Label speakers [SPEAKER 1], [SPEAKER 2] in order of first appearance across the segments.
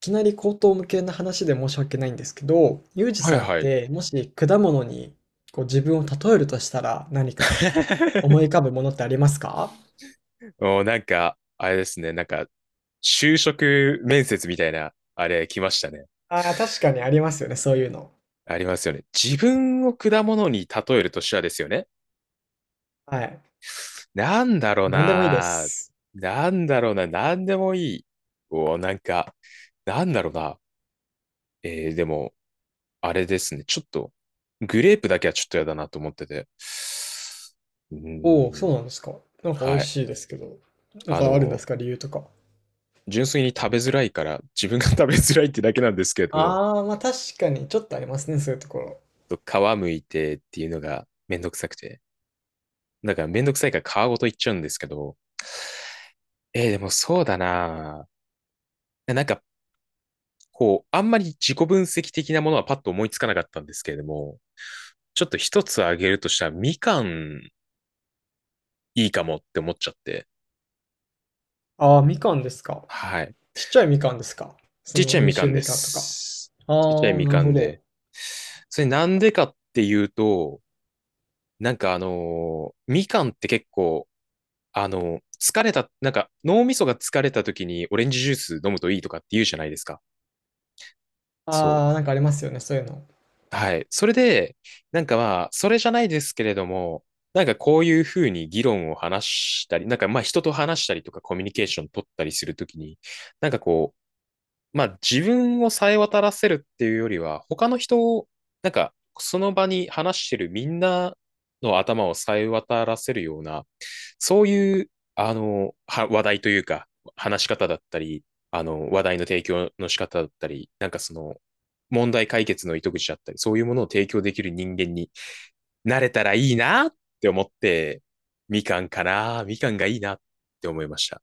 [SPEAKER 1] きなり口頭無けな話で申し訳ないんですけど、ユージ
[SPEAKER 2] はい
[SPEAKER 1] さんっ
[SPEAKER 2] はい。
[SPEAKER 1] てもし果物にこう自分を例えるとしたら何か思い 浮かぶものってありますか？
[SPEAKER 2] もうなんか、あれですね。就職面接みたいな、あれ来ましたね。
[SPEAKER 1] ああー、確かにありますよね、そういうの。
[SPEAKER 2] ありますよね。自分を果物に例えるとしたらですよね。
[SPEAKER 1] はい。
[SPEAKER 2] なんだろう
[SPEAKER 1] 何でもいいで
[SPEAKER 2] な。
[SPEAKER 1] す。
[SPEAKER 2] なんだろうな。なんでもいい。おなんか、なんだろうな。でも、あれですね。ちょっと、グレープだけはちょっとやだなと思ってて。う
[SPEAKER 1] おお、
[SPEAKER 2] ーん、
[SPEAKER 1] そうなんですか。なんか美味
[SPEAKER 2] はい。
[SPEAKER 1] しいですけど。なん
[SPEAKER 2] あ
[SPEAKER 1] かあるんで
[SPEAKER 2] の、
[SPEAKER 1] すか、理由とか。
[SPEAKER 2] 純粋に食べづらいから、自分が食べづらいってだけなんですけれども、
[SPEAKER 1] ああ、まあ確かにちょっとありますね、そういうところ。
[SPEAKER 2] と皮むいてっていうのがめんどくさくて。だからめんどくさいから皮ごといっちゃうんですけど、でもそうだなぁなんか、こう、あんまり自己分析的なものはパッと思いつかなかったんですけれども、ちょっと一つあげるとしたら、みかんいいかもって思っちゃって。
[SPEAKER 1] ああ、みかんですか。
[SPEAKER 2] はい。
[SPEAKER 1] ちっちゃいみかんですか。そ
[SPEAKER 2] ちっ
[SPEAKER 1] の
[SPEAKER 2] ちゃい
[SPEAKER 1] 温
[SPEAKER 2] みか
[SPEAKER 1] 州
[SPEAKER 2] んで
[SPEAKER 1] みかんとか。
[SPEAKER 2] す。
[SPEAKER 1] あ
[SPEAKER 2] ちっちゃい
[SPEAKER 1] あ、
[SPEAKER 2] み
[SPEAKER 1] なる
[SPEAKER 2] か
[SPEAKER 1] ほ
[SPEAKER 2] ん
[SPEAKER 1] ど。
[SPEAKER 2] で。それなんでかっていうと、みかんって結構あの、疲れた、なんか脳みそが疲れた時にオレンジジュース飲むといいとかって言うじゃないですか。そ
[SPEAKER 1] ああ、
[SPEAKER 2] う。
[SPEAKER 1] なんかありますよね、そういうの。
[SPEAKER 2] はい。それで、それじゃないですけれども、なんかこういうふうに議論を話したり、なんかまあ人と話したりとかコミュニケーション取ったりするときに、なんかこう、まあ自分をさえ渡らせるっていうよりは、他の人を、なんかその場に話してるみんなの頭をさえ渡らせるような、そういう、話題というか、話し方だったり、あの、話題の提供の仕方だったり、問題解決の糸口だったり、そういうものを提供できる人間になれたらいいなって思って、みかんかな、みかんがいいなって思いました。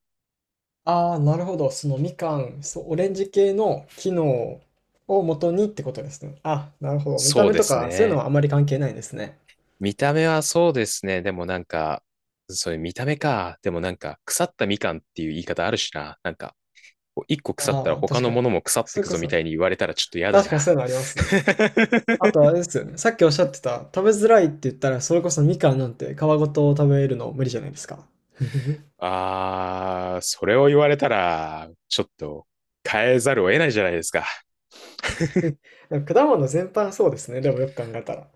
[SPEAKER 1] ああ、なるほど。そのみかん、そう、オレンジ系の機能を元にってことですね。あ、なるほど。見た
[SPEAKER 2] そう
[SPEAKER 1] 目
[SPEAKER 2] で
[SPEAKER 1] と
[SPEAKER 2] す
[SPEAKER 1] か、そういうの
[SPEAKER 2] ね。
[SPEAKER 1] はあまり関係ないですね。
[SPEAKER 2] 見た目はそうですね。でもなんか、そういう見た目か。でもなんか、腐ったみかんっていう言い方あるしな。なんか、こう一個腐ったら
[SPEAKER 1] ああ、
[SPEAKER 2] 他
[SPEAKER 1] 確
[SPEAKER 2] の
[SPEAKER 1] か
[SPEAKER 2] も
[SPEAKER 1] に。
[SPEAKER 2] のも腐って
[SPEAKER 1] それ
[SPEAKER 2] く
[SPEAKER 1] こ
[SPEAKER 2] ぞみ
[SPEAKER 1] そ、
[SPEAKER 2] たいに言われたらちょっと嫌だ
[SPEAKER 1] 確かに
[SPEAKER 2] な。
[SPEAKER 1] そういうのありますね。あとあ れですよね。さっきおっしゃってた、食べづらいって言ったら、それこそみかんなんて皮ごと食べるの無理じゃないですか。
[SPEAKER 2] あー、それを言われたら、ちょっと変えざるを得ないじゃないですか。
[SPEAKER 1] でも果物全般そうですね。でもよく考えたら。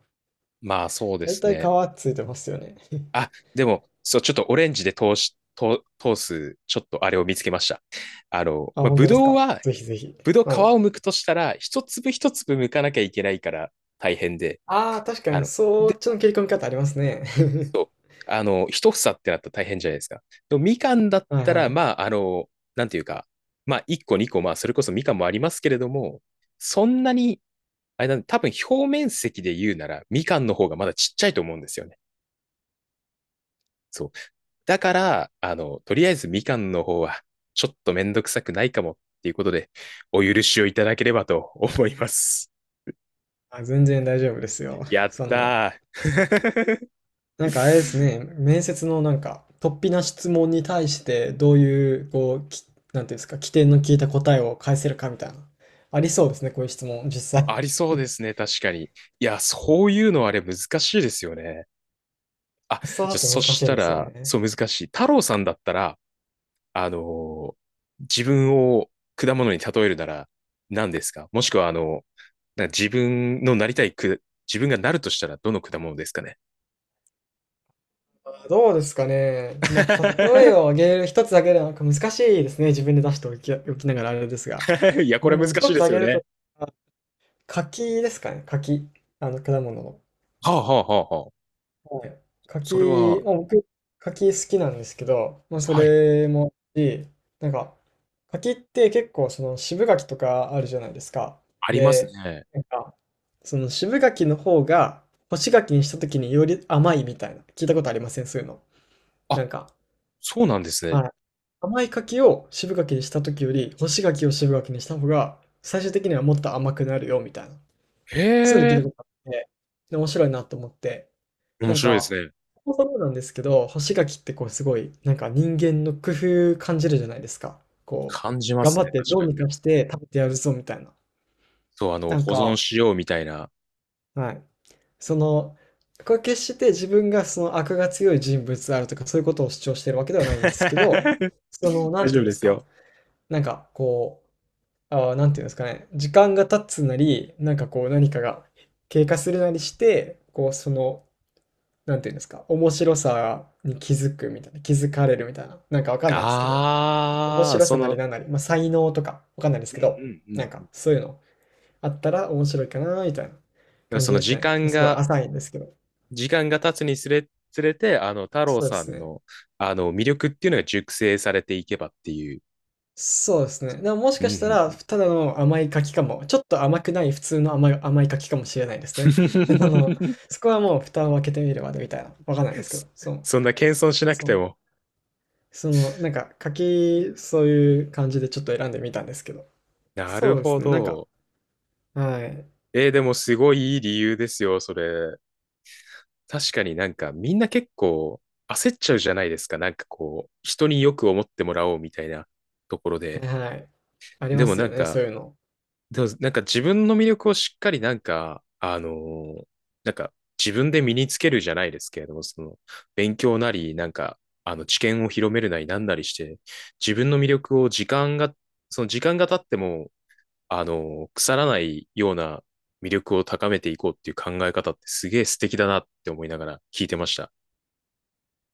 [SPEAKER 2] まあそうで
[SPEAKER 1] 大
[SPEAKER 2] す
[SPEAKER 1] 体皮
[SPEAKER 2] ね。
[SPEAKER 1] ついてますよね。
[SPEAKER 2] あ、でも、そう、ちょっとオレンジで通し、通通す、ちょっとあれを見つけました。
[SPEAKER 1] あ、本
[SPEAKER 2] ぶ
[SPEAKER 1] 当です
[SPEAKER 2] どう
[SPEAKER 1] か。
[SPEAKER 2] は
[SPEAKER 1] ぜひぜひ。
[SPEAKER 2] ぶどう
[SPEAKER 1] は
[SPEAKER 2] 皮
[SPEAKER 1] い。
[SPEAKER 2] を剥くとしたら、一粒一粒剥かなきゃいけないから大変で、
[SPEAKER 1] ああ、確か
[SPEAKER 2] あ
[SPEAKER 1] に、
[SPEAKER 2] の、
[SPEAKER 1] そ
[SPEAKER 2] で、
[SPEAKER 1] っちの切り込み方ありますね。
[SPEAKER 2] そ う、あの、一房ってなったら大変じゃないですか。でもみかんだっ
[SPEAKER 1] はい
[SPEAKER 2] たら、
[SPEAKER 1] はい。
[SPEAKER 2] まあ、あの、なんていうか、まあ、一個二個、まあ、それこそみかんもありますけれども、そんなに、あれなんで多分表面積で言うなら、みかんの方がまだちっちゃいと思うんですよね。そう。だから、あの、とりあえずみかんの方は、ちょっとめんどくさくないかもっていうことで、お許しをいただければと思います。
[SPEAKER 1] あ、全然大丈夫ですよ。
[SPEAKER 2] や っ
[SPEAKER 1] そんな。
[SPEAKER 2] たー。
[SPEAKER 1] なんかあれですね、面接のなんか、突飛な質問に対して、どういう、こう、き、なんていうんですか、起点の効いた答えを返せるかみたいな。ありそうですね、こういう質問、実際。
[SPEAKER 2] ありそうですね、確かに。いや、そういうのあれ難しいですよね。あ、
[SPEAKER 1] そう
[SPEAKER 2] じゃ
[SPEAKER 1] だ
[SPEAKER 2] あ、
[SPEAKER 1] と
[SPEAKER 2] そ
[SPEAKER 1] 難し
[SPEAKER 2] し
[SPEAKER 1] い
[SPEAKER 2] た
[SPEAKER 1] ですよ
[SPEAKER 2] ら、そ
[SPEAKER 1] ね。
[SPEAKER 2] う難しい。太郎さんだったら、あのー自分を果物に例えるなら何ですか。もしくは、自分のなりたいく、自分がなるとしたらどの果物ですかね？
[SPEAKER 1] どうですかね。まあ、例えを挙 げる一つだけでなんか難しいですね。自分で出しておき、おきながらあれですが。
[SPEAKER 2] いや、こ
[SPEAKER 1] う
[SPEAKER 2] れ難
[SPEAKER 1] ん、一
[SPEAKER 2] しい
[SPEAKER 1] つ
[SPEAKER 2] で
[SPEAKER 1] 挙
[SPEAKER 2] すよ
[SPEAKER 1] げる
[SPEAKER 2] ね。
[SPEAKER 1] と、柿ですかね、柿。あの、果物の。
[SPEAKER 2] はあ、はあ、はあ、はあ。
[SPEAKER 1] はい。
[SPEAKER 2] それ
[SPEAKER 1] 柿、
[SPEAKER 2] は、
[SPEAKER 1] まあ、僕、柿好きなんですけど、まあ、そ
[SPEAKER 2] はい、
[SPEAKER 1] れもあるし、なんか、柿って結構、その渋柿とかあるじゃないですか。
[SPEAKER 2] あります
[SPEAKER 1] で、
[SPEAKER 2] ね。
[SPEAKER 1] なんか、その渋柿の方が、干し柿にした時により甘いみたいな、聞いたことありませんそういうの。
[SPEAKER 2] あ、
[SPEAKER 1] なんか、
[SPEAKER 2] そうなんですね。
[SPEAKER 1] はい。甘い柿を渋柿にした時より、干し柿を渋柿にした方が、最終的にはもっと甘くなるよ、みたいな。そういうの
[SPEAKER 2] へ
[SPEAKER 1] 聞い
[SPEAKER 2] え、
[SPEAKER 1] たことあって、で面白いなと思って、
[SPEAKER 2] 面
[SPEAKER 1] なん
[SPEAKER 2] 白いです
[SPEAKER 1] か、
[SPEAKER 2] ね。
[SPEAKER 1] そもそもなんですけど、干し柿ってこうすごい、なんか人間の工夫感じるじゃないですか。こう、
[SPEAKER 2] 感じま
[SPEAKER 1] 頑
[SPEAKER 2] す
[SPEAKER 1] 張
[SPEAKER 2] ね、
[SPEAKER 1] って
[SPEAKER 2] 確
[SPEAKER 1] どう
[SPEAKER 2] か
[SPEAKER 1] に
[SPEAKER 2] に。
[SPEAKER 1] かして食べてやるぞみたいな。
[SPEAKER 2] そう、あの、
[SPEAKER 1] なん
[SPEAKER 2] 保存
[SPEAKER 1] か、
[SPEAKER 2] しようみたいな。
[SPEAKER 1] はい。その、これ決して自分がその悪が強い人物であるとかそういうことを主張してるわけではないんですけ ど、その、な
[SPEAKER 2] 大
[SPEAKER 1] んて
[SPEAKER 2] 丈
[SPEAKER 1] い
[SPEAKER 2] 夫
[SPEAKER 1] うんで
[SPEAKER 2] で
[SPEAKER 1] す
[SPEAKER 2] す
[SPEAKER 1] か、
[SPEAKER 2] よ。
[SPEAKER 1] なんかこう、ああ、なんていうんですかね、時間が経つなり、なんかこう何かが経過するなりして、こうそのなんていうんですか、面白さに気づくみたいな、気づかれるみたいな、なんかわかんないですけど、面
[SPEAKER 2] ああ、
[SPEAKER 1] 白さ
[SPEAKER 2] そ
[SPEAKER 1] なり
[SPEAKER 2] の、
[SPEAKER 1] なんなり、まあ、才能とかわかんないです
[SPEAKER 2] うん
[SPEAKER 1] け
[SPEAKER 2] う
[SPEAKER 1] ど、
[SPEAKER 2] んう
[SPEAKER 1] なん
[SPEAKER 2] んうん。だ
[SPEAKER 1] か
[SPEAKER 2] か
[SPEAKER 1] そういうのあったら面白いかなみたいな
[SPEAKER 2] ら
[SPEAKER 1] 感
[SPEAKER 2] そ
[SPEAKER 1] じ
[SPEAKER 2] の
[SPEAKER 1] です
[SPEAKER 2] 時
[SPEAKER 1] ね。
[SPEAKER 2] 間
[SPEAKER 1] すごい
[SPEAKER 2] が、
[SPEAKER 1] 浅いんですけど。
[SPEAKER 2] 時間が経つにつれ、つれて、あの、太郎
[SPEAKER 1] そうで
[SPEAKER 2] さ
[SPEAKER 1] す
[SPEAKER 2] ん
[SPEAKER 1] ね。
[SPEAKER 2] の、あの、魅力っていうのが熟成されていけばっていう。
[SPEAKER 1] そうですね。でももし
[SPEAKER 2] う
[SPEAKER 1] かした
[SPEAKER 2] んう
[SPEAKER 1] ら、
[SPEAKER 2] ん
[SPEAKER 1] ただの甘い柿かも、ちょっと甘くない普通の甘い、甘い柿かもしれないですね。あの、そこはもう蓋を開けてみるまでみたいな、わかんないですけ
[SPEAKER 2] そ
[SPEAKER 1] ど、そう、
[SPEAKER 2] そんな謙遜しなく
[SPEAKER 1] そ
[SPEAKER 2] て
[SPEAKER 1] う、
[SPEAKER 2] も。
[SPEAKER 1] その、なんか柿、そういう感じでちょっと選んでみたんですけど。
[SPEAKER 2] な
[SPEAKER 1] そ
[SPEAKER 2] る
[SPEAKER 1] うで
[SPEAKER 2] ほ
[SPEAKER 1] すね、なんか、
[SPEAKER 2] ど。
[SPEAKER 1] はい。
[SPEAKER 2] えーでもすごいいい理由ですよ、それ。確かになんかみんな結構焦っちゃうじゃないですか。なんかこう、人によく思ってもらおうみたいなところ
[SPEAKER 1] は
[SPEAKER 2] で。
[SPEAKER 1] いはい。あり
[SPEAKER 2] で
[SPEAKER 1] ま
[SPEAKER 2] も
[SPEAKER 1] す
[SPEAKER 2] な
[SPEAKER 1] よ
[SPEAKER 2] ん
[SPEAKER 1] ね、そ
[SPEAKER 2] か、
[SPEAKER 1] ういうの。
[SPEAKER 2] でもなんか自分の魅力をしっかりなんか、なんか自分で身につけるじゃないですけれども、その勉強なり、あの知見を広めるなりなんなりして、自分の魅力を時間が、その時間が経っても、あのー腐らないような魅力を高めていこうっていう考え方ってすげえ素敵だなって思いながら聞いてました。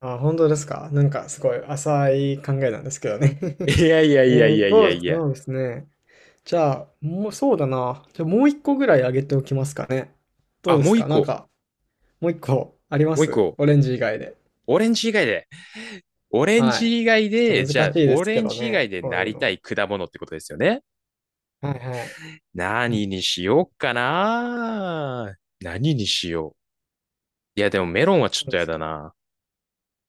[SPEAKER 1] あ、本当ですか。なんかすごい浅い考えなんですけどね。
[SPEAKER 2] いやいや いや
[SPEAKER 1] え
[SPEAKER 2] い
[SPEAKER 1] っと、
[SPEAKER 2] やい
[SPEAKER 1] ど
[SPEAKER 2] や
[SPEAKER 1] う
[SPEAKER 2] いや。
[SPEAKER 1] そうですね。じゃあ、もうそうだな。じゃあもう一個ぐらいあげておきますかね。どう
[SPEAKER 2] あ、
[SPEAKER 1] で
[SPEAKER 2] も
[SPEAKER 1] す
[SPEAKER 2] う一
[SPEAKER 1] かなん
[SPEAKER 2] 個、
[SPEAKER 1] か、もう一個ありま
[SPEAKER 2] もう一
[SPEAKER 1] す
[SPEAKER 2] 個。
[SPEAKER 1] オレンジ以外で？
[SPEAKER 2] オレンジ以外で。オレン
[SPEAKER 1] はい。
[SPEAKER 2] ジ以外
[SPEAKER 1] ちょ
[SPEAKER 2] で、
[SPEAKER 1] っと
[SPEAKER 2] じゃあ、
[SPEAKER 1] 難しいで
[SPEAKER 2] オ
[SPEAKER 1] すけ
[SPEAKER 2] レン
[SPEAKER 1] ど
[SPEAKER 2] ジ以外
[SPEAKER 1] ね、
[SPEAKER 2] で
[SPEAKER 1] こう
[SPEAKER 2] な
[SPEAKER 1] いう
[SPEAKER 2] りた
[SPEAKER 1] の。
[SPEAKER 2] い果物ってことですよね。
[SPEAKER 1] はいはい。
[SPEAKER 2] 何にしようかな。何にしよう。いや、でもメロンはちょっ
[SPEAKER 1] 何
[SPEAKER 2] と
[SPEAKER 1] で
[SPEAKER 2] や
[SPEAKER 1] す
[SPEAKER 2] だ
[SPEAKER 1] か？
[SPEAKER 2] な。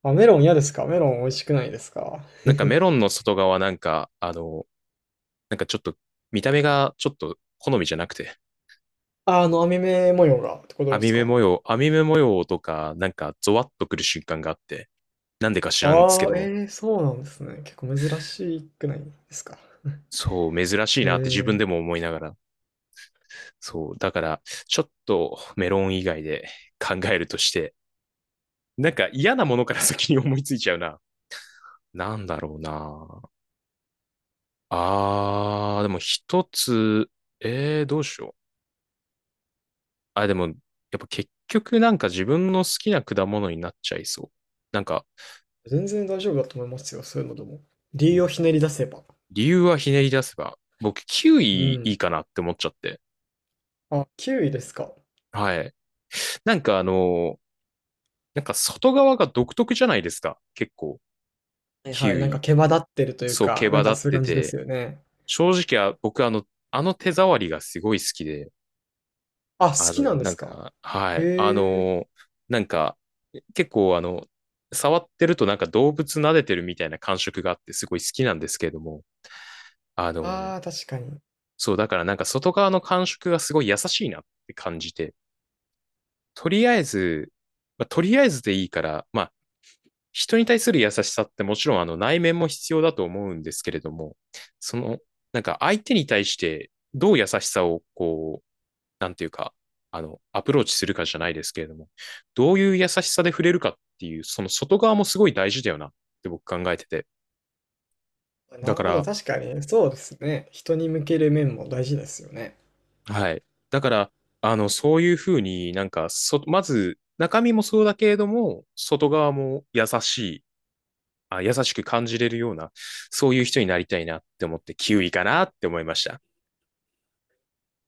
[SPEAKER 1] あ、メロン嫌ですか？メロン美味しくないですか？
[SPEAKER 2] メロンの外側なんか、あの、なんかちょっと見た目がちょっと好みじゃなくて、
[SPEAKER 1] あ、あの網目模様がってことですか？
[SPEAKER 2] 網目模様とか、なんかゾワッとくる瞬間があって、なんでか知らんですけ
[SPEAKER 1] あ
[SPEAKER 2] ど
[SPEAKER 1] あ、
[SPEAKER 2] も、
[SPEAKER 1] ええ、そうなんですね。結構珍しくないですか。
[SPEAKER 2] そう、珍しいなって自分で
[SPEAKER 1] え
[SPEAKER 2] も思いながら、そう、だから、ちょっとメロン以外で考えるとして、なんか嫌なものから先に思いついちゃうな。なんだろうな。あー、でも一つ、えー、どうしよう。あ、でも、やっぱ結局なんか自分の好きな果物になっちゃいそう。なんか、
[SPEAKER 1] え、全然大丈夫だと思いますよ、そういうのでも。
[SPEAKER 2] う
[SPEAKER 1] 理由を
[SPEAKER 2] ん
[SPEAKER 1] ひねり出せば。
[SPEAKER 2] 理由はひねり出せば、僕、キウ
[SPEAKER 1] う
[SPEAKER 2] イいい
[SPEAKER 1] ん。
[SPEAKER 2] かなって思っちゃって。
[SPEAKER 1] あ、キウイですか。
[SPEAKER 2] はい。なんかあの、なんか外側が独特じゃないですか。結構、
[SPEAKER 1] はい
[SPEAKER 2] キ
[SPEAKER 1] はい、
[SPEAKER 2] ウ
[SPEAKER 1] なんか
[SPEAKER 2] イ。
[SPEAKER 1] 毛羽立ってるという
[SPEAKER 2] そう、毛
[SPEAKER 1] か、な
[SPEAKER 2] 羽
[SPEAKER 1] んか
[SPEAKER 2] 立っ
[SPEAKER 1] そういう
[SPEAKER 2] て
[SPEAKER 1] 感じです
[SPEAKER 2] て、
[SPEAKER 1] よね。
[SPEAKER 2] 正直は僕あの、あの手触りがすごい好きで、
[SPEAKER 1] あ、好
[SPEAKER 2] あ
[SPEAKER 1] き
[SPEAKER 2] の、
[SPEAKER 1] なんで
[SPEAKER 2] なん
[SPEAKER 1] すか。
[SPEAKER 2] か、は
[SPEAKER 1] へ
[SPEAKER 2] い、あ
[SPEAKER 1] え。
[SPEAKER 2] の、なんか、結構あの、触ってるとなんか動物撫でてるみたいな感触があってすごい好きなんですけれども、あの、
[SPEAKER 1] ああ、確かに。
[SPEAKER 2] そう、だからなんか外側の感触がすごい優しいなって感じて、とりあえず、まあ、とりあえずでいいから、まあ、人に対する優しさってもちろんあの内面も必要だと思うんですけれども、その、なんか相手に対してどう優しさをこう、なんていうか、あの、アプローチするかじゃないですけれども、どういう優しさで触れるかっていう、その外側もすごい大事だよなって僕考えてて。だ
[SPEAKER 1] なる
[SPEAKER 2] か
[SPEAKER 1] ほど、
[SPEAKER 2] ら、
[SPEAKER 1] 確かに。そうですね。人に向ける面も大事ですよね。
[SPEAKER 2] はい。だから、あの、そういうふうになんか、そ、まず、中身もそうだけれども、外側も優しく感じれるような、そういう人になりたいなって思って、キウイかなって思いました。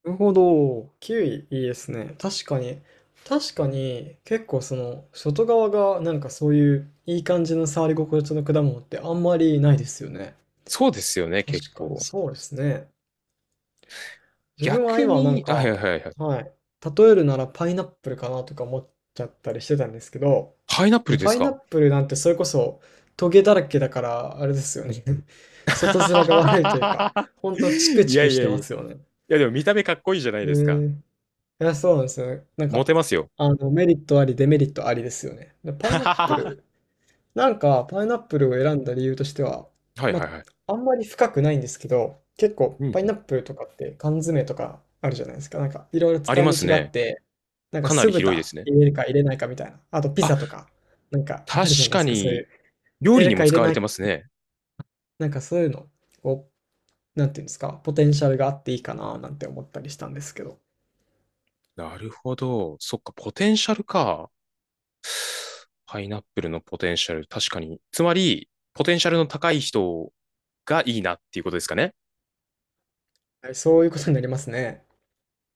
[SPEAKER 1] なるほど。キウイいいですね。確かに。確
[SPEAKER 2] う
[SPEAKER 1] か
[SPEAKER 2] ん
[SPEAKER 1] に、結構その、外側がなんかそういういい感じの触り心地の果物ってあんまりないですよね。
[SPEAKER 2] そうですよね、結
[SPEAKER 1] 確かに、
[SPEAKER 2] 構。
[SPEAKER 1] そうですね。自分は
[SPEAKER 2] 逆
[SPEAKER 1] 今なん
[SPEAKER 2] に、あ、はいは
[SPEAKER 1] か、
[SPEAKER 2] いはいはい。
[SPEAKER 1] はい。例えるならパイナップルかなとか思っちゃったりしてたんですけど、
[SPEAKER 2] パイナップ
[SPEAKER 1] も
[SPEAKER 2] ル
[SPEAKER 1] う
[SPEAKER 2] で
[SPEAKER 1] パ
[SPEAKER 2] す
[SPEAKER 1] イナッ
[SPEAKER 2] か？
[SPEAKER 1] プルなんてそれこそトゲだらけだから、あれですよね。外面が悪いというか、ほんとチク
[SPEAKER 2] い
[SPEAKER 1] チ
[SPEAKER 2] や
[SPEAKER 1] ク
[SPEAKER 2] い
[SPEAKER 1] し
[SPEAKER 2] や
[SPEAKER 1] て
[SPEAKER 2] いや
[SPEAKER 1] ま
[SPEAKER 2] い
[SPEAKER 1] すよね。
[SPEAKER 2] や、でも見た目かっこいいじゃない
[SPEAKER 1] え
[SPEAKER 2] ですか。
[SPEAKER 1] ーいや、そうなんですよね。なん
[SPEAKER 2] モ
[SPEAKER 1] か、
[SPEAKER 2] テますよ。
[SPEAKER 1] あの、メリットあり、デメリットありですよね。で、パイナップ ル、なんか、パイナップルを選んだ理由としては、
[SPEAKER 2] はい
[SPEAKER 1] ま
[SPEAKER 2] はいはい。
[SPEAKER 1] あ、あんまり深くないんですけど、結構、
[SPEAKER 2] う
[SPEAKER 1] パイナ
[SPEAKER 2] ん。
[SPEAKER 1] ップルとかって缶詰とかあるじゃないですか。なんか、いろいろ
[SPEAKER 2] あ
[SPEAKER 1] 使
[SPEAKER 2] りま
[SPEAKER 1] い
[SPEAKER 2] す
[SPEAKER 1] 道があっ
[SPEAKER 2] ね。
[SPEAKER 1] て、なんか、
[SPEAKER 2] かな
[SPEAKER 1] 酢
[SPEAKER 2] り広いで
[SPEAKER 1] 豚
[SPEAKER 2] すね。
[SPEAKER 1] 入れるか入れないかみたいな。あと、ピ
[SPEAKER 2] あ、
[SPEAKER 1] ザとか、なんか、あ
[SPEAKER 2] 確
[SPEAKER 1] るじゃないで
[SPEAKER 2] か
[SPEAKER 1] すか。そうい
[SPEAKER 2] に、
[SPEAKER 1] う、入
[SPEAKER 2] 料
[SPEAKER 1] れ
[SPEAKER 2] 理
[SPEAKER 1] る
[SPEAKER 2] に
[SPEAKER 1] か
[SPEAKER 2] も
[SPEAKER 1] 入
[SPEAKER 2] 使
[SPEAKER 1] れ
[SPEAKER 2] わ
[SPEAKER 1] な
[SPEAKER 2] れ
[SPEAKER 1] い、
[SPEAKER 2] てますね。
[SPEAKER 1] なんか、そういうの、こう、なんていうんですか、ポテンシャルがあっていいかな、なんて思ったりしたんですけど、
[SPEAKER 2] なるほど。そっか、ポテンシャルか。パイナップルのポテンシャル、確かに。つまり、ポテンシャルの高い人がいいなっていうことですかね。
[SPEAKER 1] はい、そういうことになりますね。